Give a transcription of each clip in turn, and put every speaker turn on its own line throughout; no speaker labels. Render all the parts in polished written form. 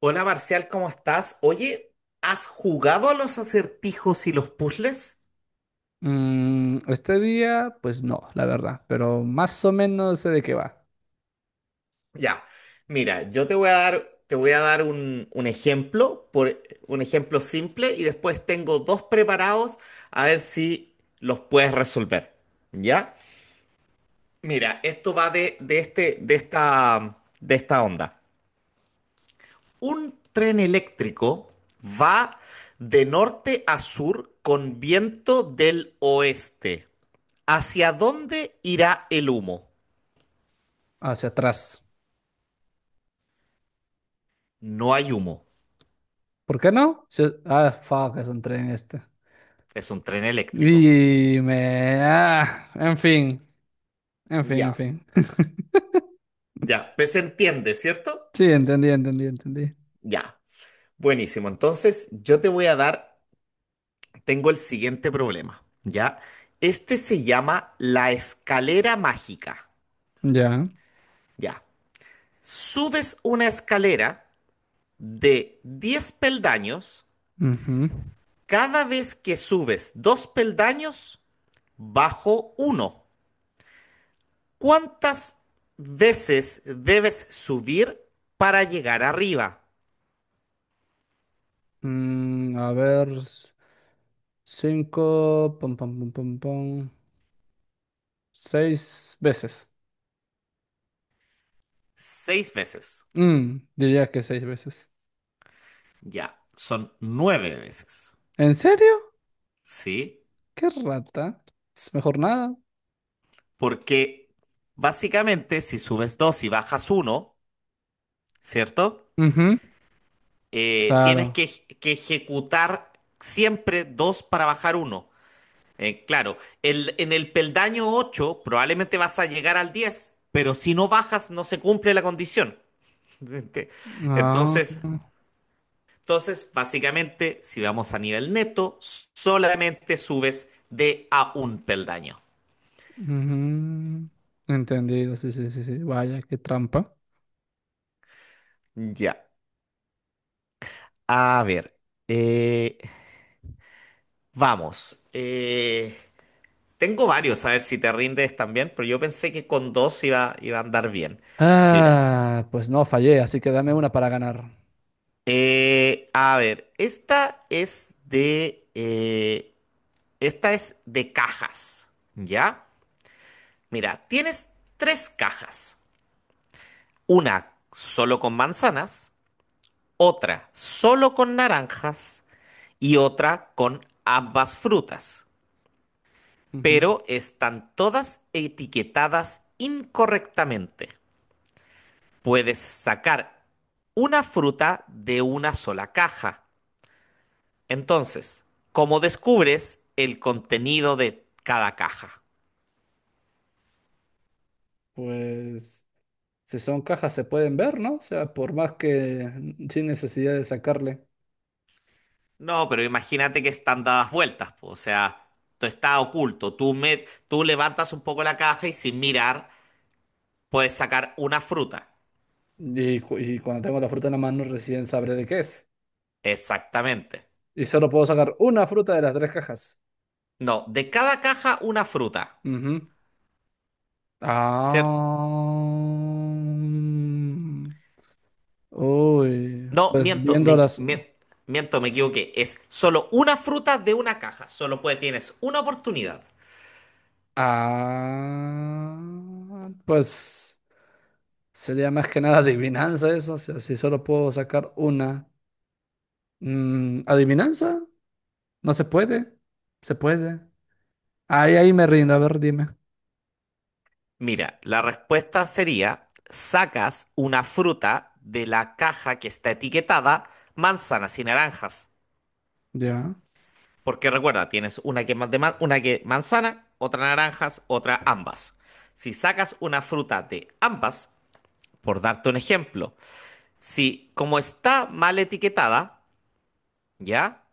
Hola Marcial, ¿cómo estás? Oye, ¿has jugado a los acertijos y los puzzles?
Este día, pues no, la verdad, pero más o menos sé de qué va,
Ya, mira, yo te voy a dar un ejemplo simple, y después tengo dos preparados a ver si los puedes resolver. ¿Ya? Mira, esto va de esta onda. Un tren eléctrico va de norte a sur con viento del oeste. ¿Hacia dónde irá el humo?
hacia atrás.
No hay humo.
¿Por qué no? Fuck, es un tren este.
Es un tren eléctrico.
Dime, en fin, en fin, en
Ya,
fin.
ya, pues se entiende, ¿cierto?
Sí, entendí.
Ya. Buenísimo. Entonces, yo te voy a dar, tengo el siguiente problema, ¿ya? Este se llama la escalera mágica,
Ya.
¿ya? Subes una escalera de 10 peldaños,
Ujú.
cada vez que subes dos peldaños, bajo uno. ¿Cuántas veces debes subir para llegar arriba?
A ver, cinco, pum, pum, pum, pum, pum, seis veces.
Seis veces.
Diría que seis veces.
Ya, son nueve veces.
¿En serio?
¿Sí?
¿Qué rata? Es mejor nada.
Porque básicamente si subes dos y bajas uno, ¿cierto? Tienes
Claro.
que ejecutar siempre dos para bajar uno. Claro, en el peldaño 8 probablemente vas a llegar al 10, pero si no bajas no se cumple la condición.
Ah,
Entonces, Entonces, básicamente, si vamos a nivel neto, solamente subes de a un peldaño.
ujú. Entendido, sí, sí, sí, sí. Vaya, qué trampa.
Ya. A ver. eh, vamos. Tengo varios, a ver si te rindes también, pero yo pensé que con dos iba a andar bien. Mira,
Ah, pues no, fallé, así que dame una para ganar.
a ver, esta es de cajas, ¿ya? Mira, tienes tres cajas, una solo con manzanas, otra solo con naranjas y otra con ambas frutas,
Ujú.
pero están todas etiquetadas incorrectamente. Puedes sacar una fruta de una sola caja. Entonces, ¿cómo descubres el contenido de cada caja?
Pues si son cajas se pueden ver, ¿no? O sea, por más que mm, sin necesidad de sacarle.
No, pero imagínate que están dadas vueltas, po, o sea, tú está oculto, tú levantas un poco la caja y sin mirar puedes sacar una fruta.
Y, y cuando tengo la fruta en la mano recién sabré de qué es.
Exactamente.
Y solo puedo sacar una fruta de las tres cajas.
No, de cada caja una fruta.
Ujú.
¿Cier-
Ah. Uy,
No,
pues
miento, me,
viéndolas.
me- miento, me equivoqué. Es solo una fruta de una caja. Tienes una oportunidad.
Ah, pues sería más que nada adivinanza eso. O sea, si solo puedo sacar una. ¿Adivinanza? No se puede. Se puede. Ahí me rindo. A ver, dime.
Mira, la respuesta sería, sacas una fruta de la caja que está etiquetada manzanas y naranjas.
Ya.
Porque recuerda, tienes una que, ma- de ma- una que manzana, otra naranjas, otra ambas. Si sacas una fruta de ambas, por darte un ejemplo, si como está mal etiquetada, ¿ya?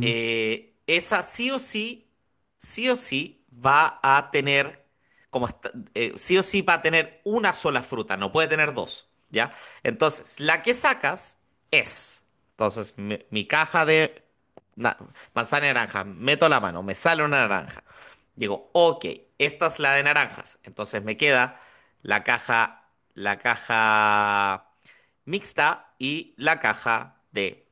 Esa sí o sí va a tener, como esta- sí o sí va a tener una sola fruta, no puede tener dos, ¿ya? Entonces, la que sacas es, entonces, mi caja de na- manzana y naranja, meto la mano, me sale una naranja. Digo, ok, esta es la de naranjas, entonces me queda la caja, la caja, mixta y la caja de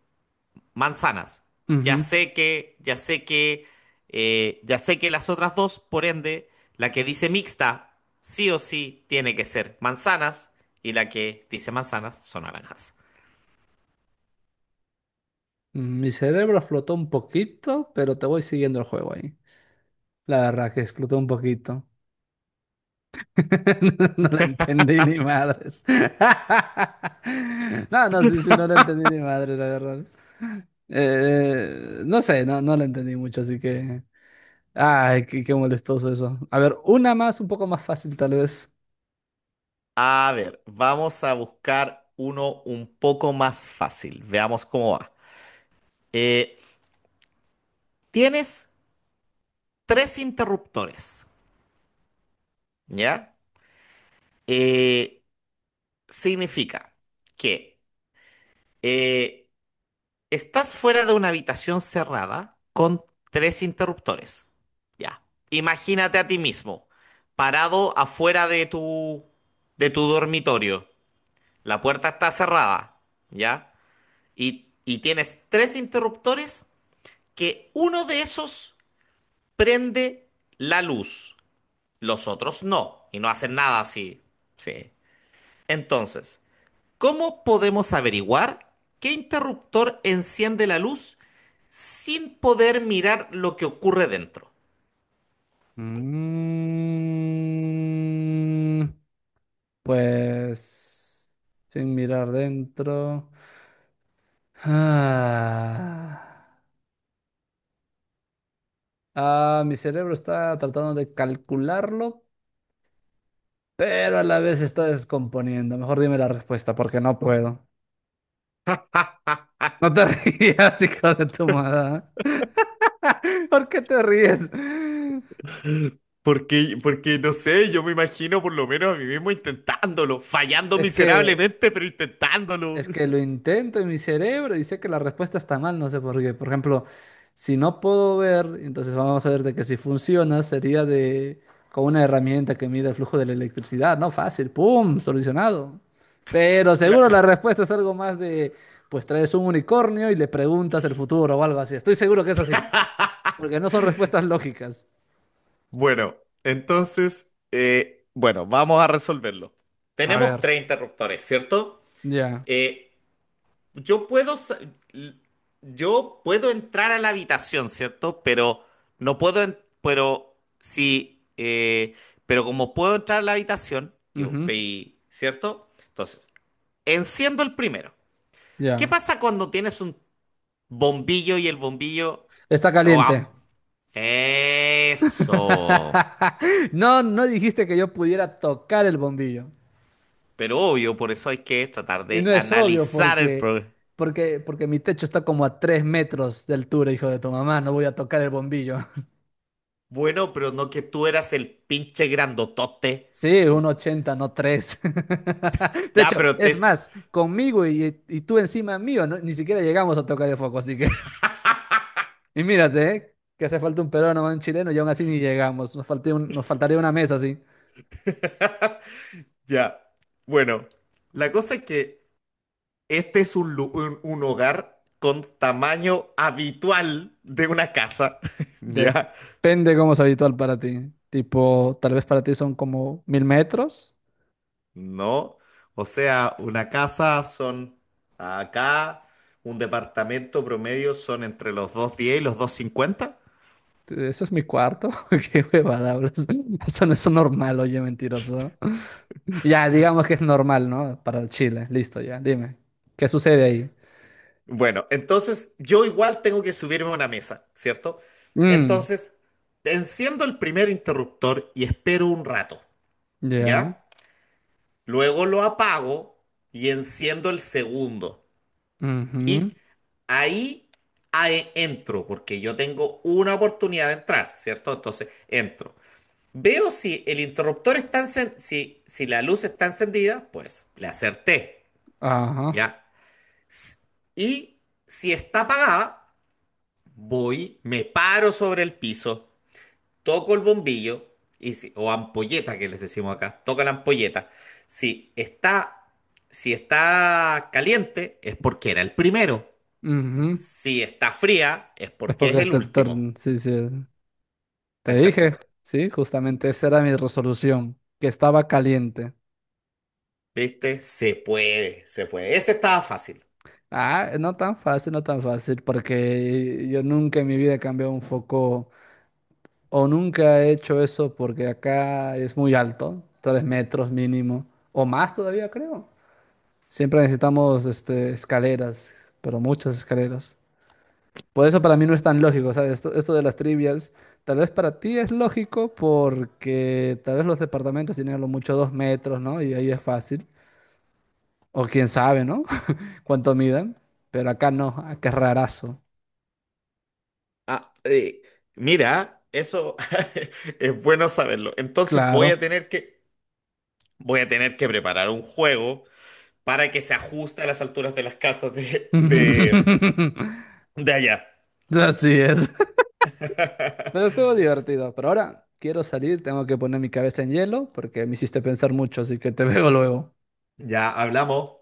manzanas.
Ujú, ujú.
Ya sé que, ya sé que, ya sé que las otras dos, por ende, la que dice mixta, sí o sí tiene que ser manzanas y la que dice manzanas son naranjas.
Mi cerebro explotó un poquito, pero te voy siguiendo el juego ahí. La verdad que explotó un poquito. No la entendí ni madres. No, no, sí, sí, no la entendí ni madre, la verdad. No sé, no la entendí mucho, así que. Ay, qué molestoso eso. A ver, una más, un poco más fácil, tal vez.
A ver, vamos a buscar uno un poco más fácil. Veamos cómo va. Eh, tienes tres interruptores, ¿ya? Eh, significa que eh, estás fuera de una habitación cerrada con tres interruptores. Ya. Imagínate a ti mismo, parado afuera de tu dormitorio. La puerta está cerrada, ¿ya? Y tienes tres interruptores que uno de esos prende la luz, los otros no, y no hacen nada así. Sí. Entonces, ¿cómo podemos averiguar qué interruptor enciende la luz sin poder mirar lo que ocurre dentro?
Mm, pues. Sin mirar dentro. Ah, ah, mi cerebro está tratando de calcularlo, pero a la vez se está descomponiendo. Mejor dime la respuesta, porque no puedo. No te rías, hijo de tu madre. ¿Por qué te ríes?
Porque no sé, yo me imagino por lo menos a mí mismo intentándolo, fallando
Es que,
miserablemente, pero intentándolo.
es que lo intento en mi cerebro y sé que la respuesta está mal, no sé por qué. Por ejemplo, si no puedo ver, entonces vamos a ver de que si funciona sería de con una herramienta que mide el flujo de la electricidad, ¿no? Fácil, ¡pum! Solucionado. Pero
Cla-
seguro la respuesta es algo más de, pues traes un unicornio y le preguntas el futuro o algo así. Estoy seguro que es así. Porque no son respuestas lógicas.
Bueno, entonces, bueno, vamos a resolverlo.
A ver,
Tenemos tres interruptores, ¿cierto?
ya.
Eh, Yo puedo, sa- yo puedo entrar a la habitación, ¿cierto? Pero no puedo, pero sí, pero como puedo entrar a la habitación,
Ujú.
¿cierto? Entonces, enciendo el primero. ¿Qué
Ya.
pasa cuando tienes un bombillo y el bombillo,
Está
o
caliente.
eso?
No, no dijiste que yo pudiera tocar el bombillo.
Pero obvio, por eso hay que tratar
Y
de
no es obvio
analizar el problema.
porque mi techo está como a 3 metros de altura, hijo de tu mamá. No voy a tocar el bombillo.
Bueno, pero no que tú eras el pinche grandotote.
Sí,
Y-
1,80, no 3. De
Ya,
hecho,
pero te.
es más, conmigo y tú encima mío, ni siquiera llegamos a tocar el foco, así que... Y mírate, ¿eh? Que hace falta un peruano o un chileno y aún así ni llegamos. Nos faltó un nos faltaría una mesa, sí.
Ya. Bueno, la cosa es que este es un hogar con tamaño habitual de una casa. Ya.
Depende cómo es habitual para ti. Tipo, tal vez para ti son como 1000 metros.
No. O sea, una casa son acá, un departamento promedio son entre los 210 y los 250.
Eso es mi cuarto. Qué huevada hablas. Eso no es normal, oye, mentiroso. Ya, digamos que es normal, ¿no? Para el Chile. Listo, ya. Dime. ¿Qué sucede ahí?
Bueno, entonces yo igual tengo que subirme a una mesa, ¿cierto?
Mm,
Entonces, enciendo el primer interruptor y espero un rato,
ya.
¿ya? Luego lo apago y enciendo el segundo.
Ujú.
Y ahí ahí entro, porque yo tengo una oportunidad de entrar, ¿cierto? Entonces entro. Veo si el interruptor está encen- si, si la luz está encendida, pues le acerté,
Ajá.
¿ya? Y si está apagada, voy, me paro sobre el piso, toco el bombillo, o ampolleta que les decimos acá, toca la ampolleta. Si está, si está caliente, es porque era el primero.
Ujú.
Si está fría, es
Es
porque
porque
es
es
el
el
último,
turno. Sí, sí. Te
el
dije,
tercero.
sí, justamente esa era mi resolución, que estaba caliente.
¿Viste? Se puede, se puede. Ese estaba fácil.
Ah, no tan fácil, no tan fácil, porque yo nunca en mi vida he cambiado un foco o nunca he hecho eso porque acá es muy alto, 3 metros mínimo, o más todavía creo. Siempre necesitamos este, escaleras, pero muchas escaleras. Por eso para mí no es tan lógico, ¿sabes? Esto de las trivias, tal vez para ti es lógico porque tal vez los departamentos tienen a lo mucho 2 metros, ¿no? Y ahí es fácil. O quién sabe, ¿no? Cuánto midan. Pero acá no, acá es rarazo.
Ah, mira, eso es bueno saberlo. Entonces
Claro.
voy a tener que preparar un juego para que se ajuste a las alturas de las casas de, de, de allá.
Así es. Pero estuvo divertido. Pero ahora quiero salir, tengo que poner mi cabeza en hielo porque me hiciste pensar mucho, así que te veo luego.
Ya hablamos.